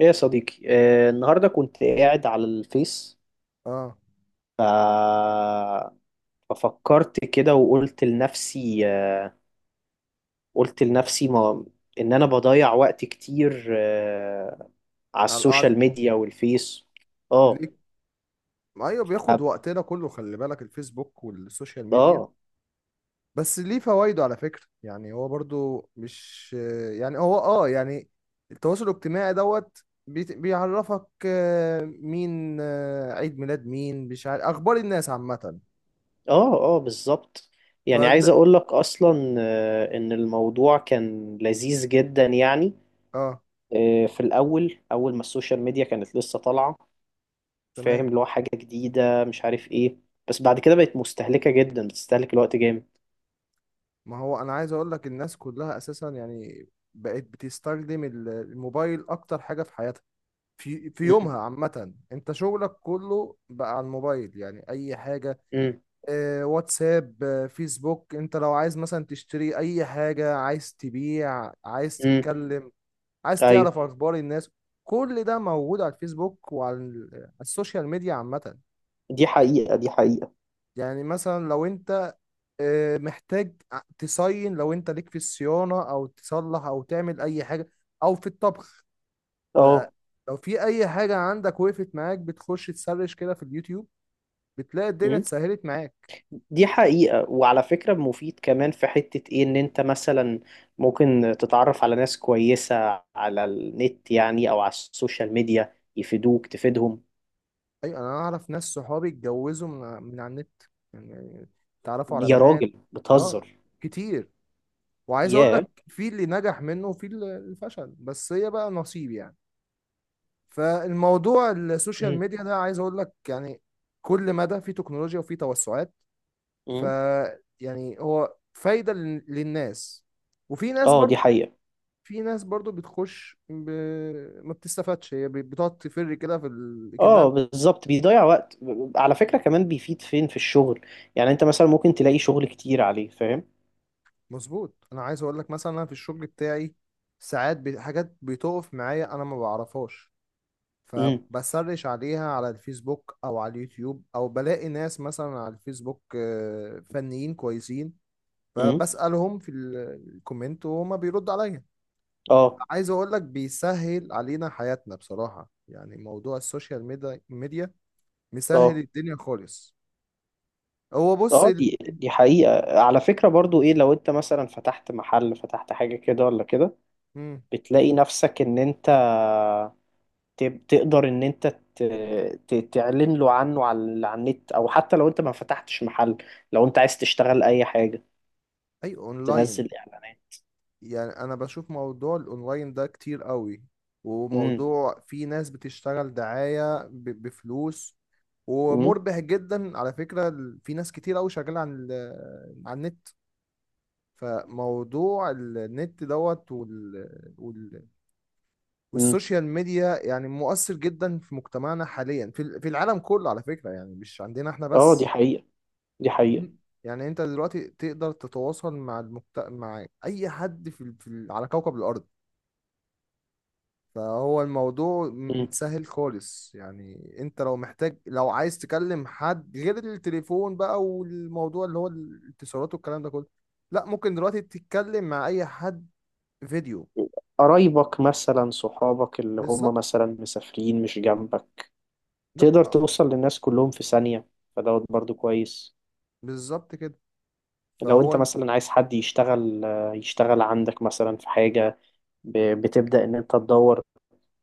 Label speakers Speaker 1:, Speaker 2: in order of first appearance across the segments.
Speaker 1: ايه يا صديقي النهارده كنت قاعد على الفيس
Speaker 2: اه.
Speaker 1: ف... ففكرت كده وقلت لنفسي قلت لنفسي ما... ان انا بضيع وقت كتير على
Speaker 2: على القعدة
Speaker 1: السوشيال
Speaker 2: السوشيال
Speaker 1: ميديا والفيس.
Speaker 2: ميديا
Speaker 1: اه.
Speaker 2: ليك. ايوه،
Speaker 1: ف-
Speaker 2: بياخد وقتنا كله. خلي بالك الفيسبوك والسوشيال ميديا
Speaker 1: اه.
Speaker 2: بس ليه فوائده، على فكرة. يعني هو برضو مش يعني هو يعني التواصل الاجتماعي دوت بيعرفك مين، عيد ميلاد مين، مش عارف اخبار الناس عامة.
Speaker 1: اه. اه، بالظبط. يعني عايز
Speaker 2: يعني عايز.
Speaker 1: اقول لك اصلا ان الموضوع كان لذيذ جدا يعني.
Speaker 2: اه
Speaker 1: في الاول، اول ما السوشيال ميديا كانت لسه طالعة،
Speaker 2: تمام.
Speaker 1: فاهم، اللي هو حاجة جديدة مش عارف ايه. بس بعد كده بقت مستهلكة جدا، بتستهلك الوقت جامد.
Speaker 2: ما هو انا عايز اقول لك الناس كلها اساسا يعني بقت بتستخدم الموبايل اكتر حاجة في حياتها، في
Speaker 1: مم.
Speaker 2: يومها عامة. انت شغلك كله بقى على الموبايل، يعني اي حاجة،
Speaker 1: مم.
Speaker 2: واتساب، فيسبوك. انت لو عايز مثلا تشتري اي حاجة، عايز تبيع، عايز
Speaker 1: مم.
Speaker 2: تتكلم، عايز
Speaker 1: ايوه.
Speaker 2: تعرف اخبار الناس، كل ده موجود على الفيسبوك وعلى على السوشيال ميديا عامة.
Speaker 1: دي حقيقة، دي حقيقة.
Speaker 2: يعني مثلا لو انت محتاج تصين، لو انت ليك في الصيانة او تصلح او تعمل اي حاجة او في الطبخ،
Speaker 1: اه.
Speaker 2: ت- لو في اي حاجة عندك وقفت معاك، بتخش تسرش كده في اليوتيوب بتلاقي الدنيا
Speaker 1: مم.
Speaker 2: اتسهلت معاك.
Speaker 1: دي حقيقة، وعلى فكرة مفيد كمان في حتة ايه، ان انت مثلا ممكن تتعرف على ناس كويسة على النت، يعني او على السوشيال ميديا، يفيدوك تفيدهم.
Speaker 2: ايوه، انا اعرف ناس صحابي اتجوزوا من على النت، يعني اتعرفوا على
Speaker 1: يا
Speaker 2: بنات.
Speaker 1: راجل
Speaker 2: اه،
Speaker 1: بتهزر.
Speaker 2: كتير. وعايز اقول
Speaker 1: ياه.
Speaker 2: لك في اللي نجح منه وفي اللي فشل، بس هي بقى نصيب يعني. فالموضوع السوشيال
Speaker 1: مم.
Speaker 2: ميديا ده، عايز اقول لك يعني كل مدى في تكنولوجيا وفي توسعات. ف
Speaker 1: مم.
Speaker 2: يعني هو فايدة للناس. وفي ناس
Speaker 1: اه دي
Speaker 2: برضو،
Speaker 1: حقيقة.
Speaker 2: في ناس برضو بتخش ما بتستفادش، هي بتقعد تفر كده في
Speaker 1: اه
Speaker 2: كأنها.
Speaker 1: بالظبط بيضيع وقت. على فكرة كمان بيفيد فين؟ في الشغل. يعني انت مثلا ممكن تلاقي شغل كتير عليه، فاهم.
Speaker 2: مظبوط، انا عايز اقول لك مثلا انا في الشغل بتاعي ساعات حاجات بتقف معايا انا ما بعرفهاش،
Speaker 1: امم.
Speaker 2: فبسرش عليها على الفيسبوك او على اليوتيوب، او بلاقي ناس مثلا على الفيسبوك فنيين كويسين،
Speaker 1: امم.
Speaker 2: فبسألهم في الكومنت وهما بيردوا عليا.
Speaker 1: اه.
Speaker 2: عايز اقول لك بيسهل علينا حياتنا بصراحة، يعني موضوع ميديا مسهل
Speaker 1: اه.
Speaker 2: الدنيا خالص. هو بص،
Speaker 1: اه دي حقيقة. على فكرة برضو ايه، لو انت مثلا فتحت محل، فتحت حاجة كده ولا كده،
Speaker 2: مم.
Speaker 1: بتلاقي نفسك ان انت تقدر ان انت ت- تعلن له عنه على النت. او حتى لو انت ما فتحتش محل، لو انت عايز تشتغل اي حاجة،
Speaker 2: اي اونلاين.
Speaker 1: تنزل اعلانات.
Speaker 2: يعني انا بشوف موضوع الاونلاين ده كتير قوي،
Speaker 1: امم.
Speaker 2: وموضوع في ناس بتشتغل دعاية بفلوس،
Speaker 1: امم.
Speaker 2: ومربح جدا على فكرة. في ناس كتير قوي شغالة عن عن النت. فموضوع النت دوت وال...
Speaker 1: امم.
Speaker 2: والسوشيال ميديا يعني مؤثر جدا في مجتمعنا حاليا، في في العالم كله على فكرة، يعني مش عندنا احنا
Speaker 1: اه دي
Speaker 2: بس.
Speaker 1: حقيقة، دي حقيقة.
Speaker 2: إن- يعني انت دلوقتي تقدر تتواصل مع مع اي حد في على كوكب الارض. فهو الموضوع
Speaker 1: مم.
Speaker 2: متسهل خالص، يعني انت لو محتاج، لو عايز تكلم حد، غير التليفون بقى والموضوع اللي هو الاتصالات والكلام ده كله، لا، ممكن دلوقتي تتكلم مع اي حد فيديو.
Speaker 1: قرايبك مثلا، صحابك اللي هم
Speaker 2: بالظبط.
Speaker 1: مثلا مسافرين مش جنبك،
Speaker 2: لا
Speaker 1: تقدر توصل للناس كلهم في ثانية. فدوت برضو كويس.
Speaker 2: بالظبط كده.
Speaker 1: لو انت
Speaker 2: فهو
Speaker 1: مثلا عايز حد يشتغل يشتغل عندك مثلا في حاجة، بتبدأ ان انت تدور،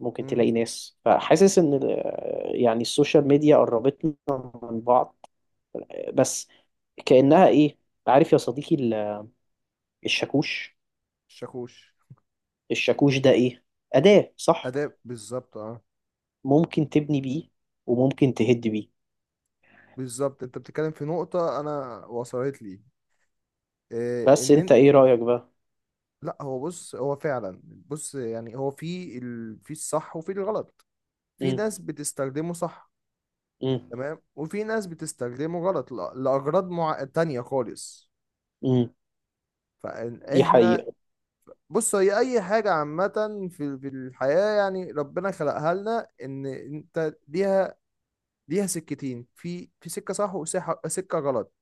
Speaker 1: ممكن
Speaker 2: مم،
Speaker 1: تلاقي ناس. فحاسس ان يعني السوشيال ميديا قربتنا من بعض. بس كأنها ايه، عارف يا صديقي، الشاكوش.
Speaker 2: شاكوش.
Speaker 1: الشاكوش ده ايه؟ أداة، صح؟
Speaker 2: اداء بالظبط، اه.
Speaker 1: ممكن تبني بيه، وممكن تهد بيه.
Speaker 2: بالظبط، انت بتتكلم في نقطة انا وصلت لي إيه،
Speaker 1: بس انت ايه رأيك بقى؟
Speaker 2: لا هو بص، هو فعلا، بص يعني هو في في الصح وفي الغلط. في
Speaker 1: امم.
Speaker 2: ناس بتستخدمه صح
Speaker 1: امم.
Speaker 2: تمام، وفي ناس بتستخدمه غلط لأغراض تانية خالص.
Speaker 1: امم. دي
Speaker 2: فإحنا،
Speaker 1: حقيقة.
Speaker 2: بص، هي أي حاجة عامة في الحياة، يعني ربنا خلقها لنا إن أنت ليها، ليها سكتين، في سكة صح وسكة غلط.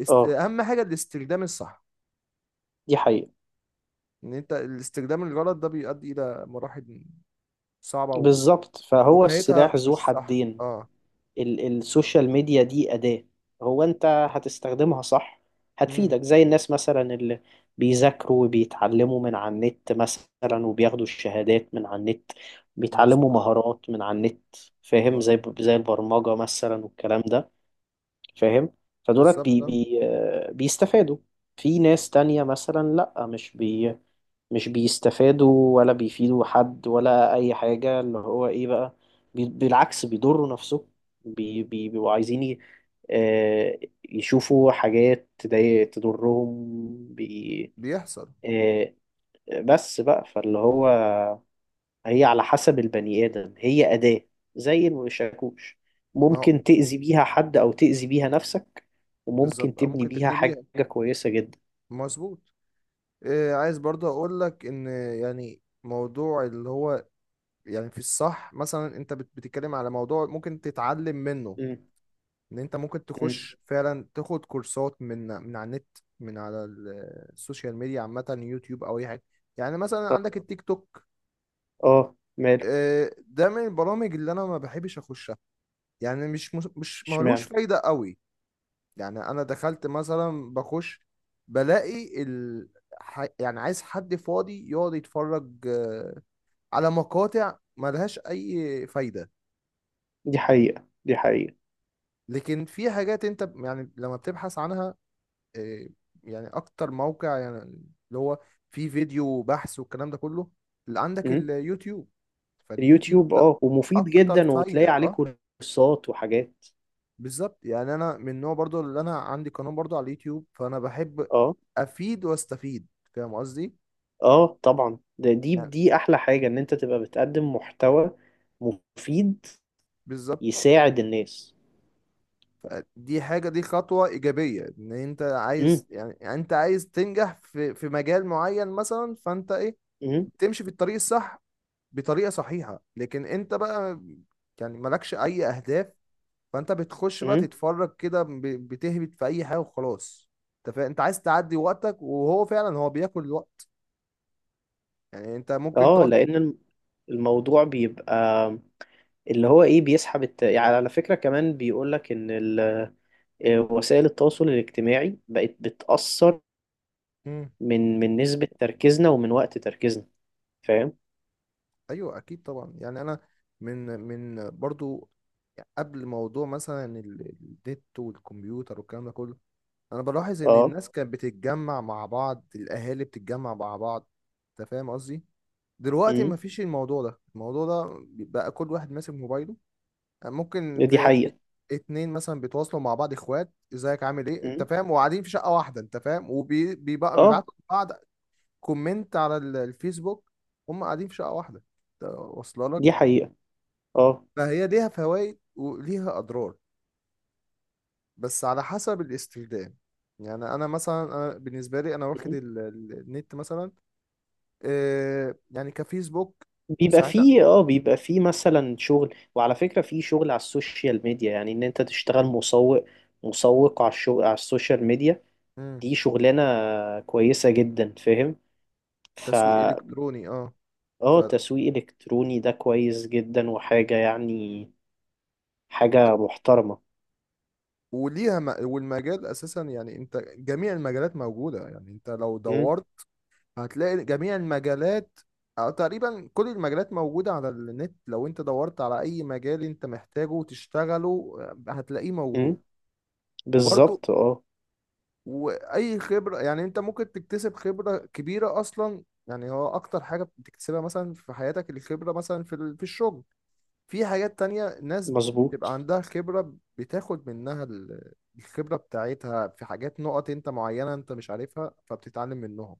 Speaker 1: اه
Speaker 2: أهم حاجة الاستخدام الصح.
Speaker 1: دي حقيقة.
Speaker 2: إن أنت الاستخدام الغلط ده بيؤدي إلى مراحل صعبة
Speaker 1: بالظبط، فهو
Speaker 2: ونهايتها
Speaker 1: السلاح ذو
Speaker 2: مش صح.
Speaker 1: حدين.
Speaker 2: أه.
Speaker 1: السوشيال ميديا دي أداة. هو انت هتستخدمها صح،
Speaker 2: مم.
Speaker 1: هتفيدك. زي الناس مثلا اللي بيذاكروا وبيتعلموا من على النت مثلا، وبياخدوا الشهادات من على النت، بيتعلموا
Speaker 2: مظبوط،
Speaker 1: مهارات من على النت، فاهم،
Speaker 2: مظبوط.
Speaker 1: زي البرمجة مثلا والكلام ده، فاهم. فدولت
Speaker 2: بالظبط
Speaker 1: بي بي آه، بيستفادوا. في ناس تانية مثلا لأ، مش بيستفادوا ولا بيفيدوا حد ولا أي حاجة، اللي هو إيه بقى، بالعكس بيضروا نفسهم، بيبقوا عايزين آه، يشوفوا حاجات تضرهم. بي
Speaker 2: بيحصل.
Speaker 1: آه، بس بقى، فاللي هو هي على حسب البني آدم، هي أداة زي الشاكوش.
Speaker 2: ما هو
Speaker 1: ممكن تأذي بيها حد أو تأذي بيها نفسك، وممكن
Speaker 2: بالظبط، أو
Speaker 1: تبني
Speaker 2: ممكن
Speaker 1: بيها
Speaker 2: تبني
Speaker 1: حاجة
Speaker 2: بيها.
Speaker 1: كويسة جدا.
Speaker 2: مظبوط. عايز برضه اقول لك ان يعني موضوع اللي هو، يعني في الصح مثلا انت بتتكلم على موضوع ممكن تتعلم منه.
Speaker 1: مم.
Speaker 2: ان انت ممكن
Speaker 1: مم.
Speaker 2: تخش فعلا تاخد كورسات من على النت، من على السوشيال ميديا عامة، يوتيوب او اي حاجة. يعني مثلا
Speaker 1: اه.
Speaker 2: عندك التيك توك.
Speaker 1: ماله؟
Speaker 2: ده من البرامج اللي انا ما بحبش اخشها، يعني مش مش ملوش
Speaker 1: اشمعنى؟
Speaker 2: فايدة قوي. يعني انا دخلت مثلا بخش، بلاقي يعني عايز حد فاضي يقعد يتفرج على مقاطع ملهاش اي فايدة.
Speaker 1: دي حقيقة، دي حقيقة.
Speaker 2: لكن في حاجات انت يعني لما بتبحث عنها، آه، يعني اكتر موقع يعني اللي هو فيه فيديو بحث والكلام ده كله اللي عندك
Speaker 1: مم.
Speaker 2: اليوتيوب. فاليوتيوب
Speaker 1: اليوتيوب
Speaker 2: ده
Speaker 1: اه، ومفيد
Speaker 2: اكتر
Speaker 1: جدا وتلاقي
Speaker 2: فايدة،
Speaker 1: عليه
Speaker 2: اه.
Speaker 1: كورسات وحاجات.
Speaker 2: بالظبط، يعني انا من النوع برضو اللي انا عندي قناة برضو على اليوتيوب، فانا بحب
Speaker 1: اه.
Speaker 2: افيد واستفيد، فاهم قصدي؟
Speaker 1: اه طبعا، ده دي
Speaker 2: يعني
Speaker 1: دي أحلى حاجة، إن أنت تبقى بتقدم محتوى مفيد
Speaker 2: بالظبط.
Speaker 1: يساعد الناس.
Speaker 2: دي حاجة، دي خطوة إيجابية، إن أنت
Speaker 1: مم.
Speaker 2: عايز يعني، يعني أنت عايز تنجح في مجال معين مثلا، فأنت إيه
Speaker 1: مم.
Speaker 2: بتمشي في الطريق الصح بطريقة صحيحة. لكن أنت بقى يعني مالكش أي أهداف، فأنت بتخش بقى
Speaker 1: مم.
Speaker 2: تتفرج كده بتهبط في أي حاجة وخلاص. أنت أنت عاز تعدي وقتك، وهو فعلا هو بياكل الوقت، يعني أنت ممكن
Speaker 1: اه،
Speaker 2: تقعد.
Speaker 1: الموضوع بيبقى اللي هو ايه، بيسحب يعني على فكرة كمان بيقولك ان ال... آه، وسائل التواصل الاجتماعي بقت بتأثر
Speaker 2: مم.
Speaker 1: من نسبة تركيزنا ومن وقت تركيزنا، فاهم.
Speaker 2: أيوه، أكيد طبعا. يعني أنا، من برضو قبل موضوع مثلا النت والكمبيوتر والكلام ده كله، انا بلاحظ ان
Speaker 1: اه.
Speaker 2: الناس كانت بتتجمع مع بعض، الاهالي بتتجمع مع بعض، انت فاهم قصدي؟ دلوقتي
Speaker 1: امم.
Speaker 2: مفيش الموضوع ده، الموضوع ده بقى كل واحد ماسك موبايله. ممكن
Speaker 1: دي
Speaker 2: تلاقي
Speaker 1: حقيقة.
Speaker 2: اتنين مثلا بيتواصلوا مع بعض، اخوات، ازيك عامل ايه، انت
Speaker 1: امم.
Speaker 2: فاهم، وقاعدين في شقة واحدة، انت فاهم، وبيبقى
Speaker 1: اه
Speaker 2: بيبعتوا لبعض كومنت على الفيسبوك، هم قاعدين في شقة واحدة، انت واصله لك؟
Speaker 1: دي حقيقة. اه.
Speaker 2: فهي ليها فوائد وليها اضرار، بس على حسب الاستخدام. يعني انا مثلا، انا بالنسبه لي انا واخد
Speaker 1: مم.
Speaker 2: النت مثلا آه، يعني كفيسبوك
Speaker 1: بيبقى
Speaker 2: ساعتها.
Speaker 1: فيه اه، بيبقى فيه مثلا شغل. وعلى فكرة فيه شغل على السوشيال ميديا، يعني ان انت تشتغل مسوق، مسوق على الشغل على السوشيال ميديا.
Speaker 2: مم.
Speaker 1: دي شغلانة كويسة جدا، فاهم. ف
Speaker 2: تسويق الكتروني، اه. ف
Speaker 1: اه تسويق الكتروني ده كويس جدا وحاجه يعني، حاجه محترمه.
Speaker 2: وليها والمجال اساسا، يعني انت جميع المجالات موجوده، يعني انت لو
Speaker 1: امم.
Speaker 2: دورت هتلاقي جميع المجالات، او تقريبا كل المجالات موجوده على النت. لو انت دورت على اي مجال انت محتاجه وتشتغله، هتلاقيه موجود.
Speaker 1: امم.
Speaker 2: وبرضه
Speaker 1: بالظبط اه.
Speaker 2: واي خبره، يعني انت ممكن تكتسب خبره كبيره اصلا، يعني هو اكتر حاجه بتكتسبها مثلا في حياتك الخبره، مثلا في في الشغل، في حاجات تانية، ناس
Speaker 1: مظبوط.
Speaker 2: بتبقى عندها خبره، بتاخد منها الخبره بتاعتها في حاجات نقط انت معينه انت مش عارفها، فبتتعلم منهم.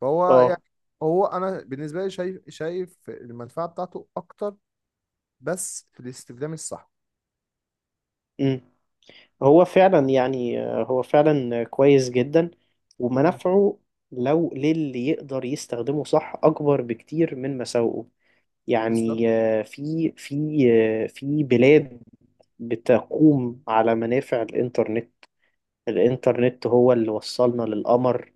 Speaker 2: فهو
Speaker 1: اه.
Speaker 2: يعني، هو انا بالنسبه لي شايف، المنفعه بتاعته اكتر، بس في الاستخدام الصح.
Speaker 1: امم. هو فعلا يعني، هو فعلا كويس جدا،
Speaker 2: امم.
Speaker 1: ومنافعه لو للي يقدر يستخدمه صح اكبر بكتير من مساوئه.
Speaker 2: بالظبط.
Speaker 1: يعني في بلاد بتقوم على منافع الانترنت. الانترنت هو اللي وصلنا للقمر،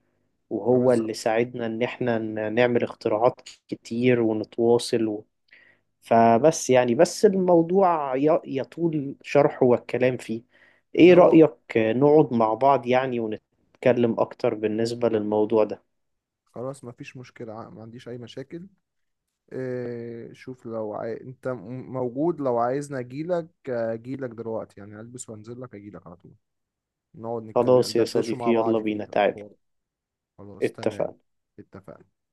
Speaker 1: وهو اللي
Speaker 2: بالظبط.
Speaker 1: ساعدنا إن إحنا نعمل اختراعات كتير، ونتواصل فبس يعني، بس الموضوع يطول شرحه والكلام فيه.
Speaker 2: ان
Speaker 1: إيه
Speaker 2: هو،
Speaker 1: رأيك نقعد مع بعض يعني ونتكلم أكتر بالنسبة للموضوع ده؟
Speaker 2: خلاص مفيش مشكله، ما عنديش اي مشاكل. إيه شوف، لو انت موجود، لو عايزني اجيلك اجيلك دلوقتي، يعني البس وانزل لك اجيلك على طول. نقعد نتكلم
Speaker 1: خلاص يا
Speaker 2: ندردشوا
Speaker 1: صديقي،
Speaker 2: مع
Speaker 1: يلا
Speaker 2: بعض، فيه
Speaker 1: بينا تعال.
Speaker 2: الحوار. خلاص تمام.
Speaker 1: اتفقنا.
Speaker 2: اتفقنا.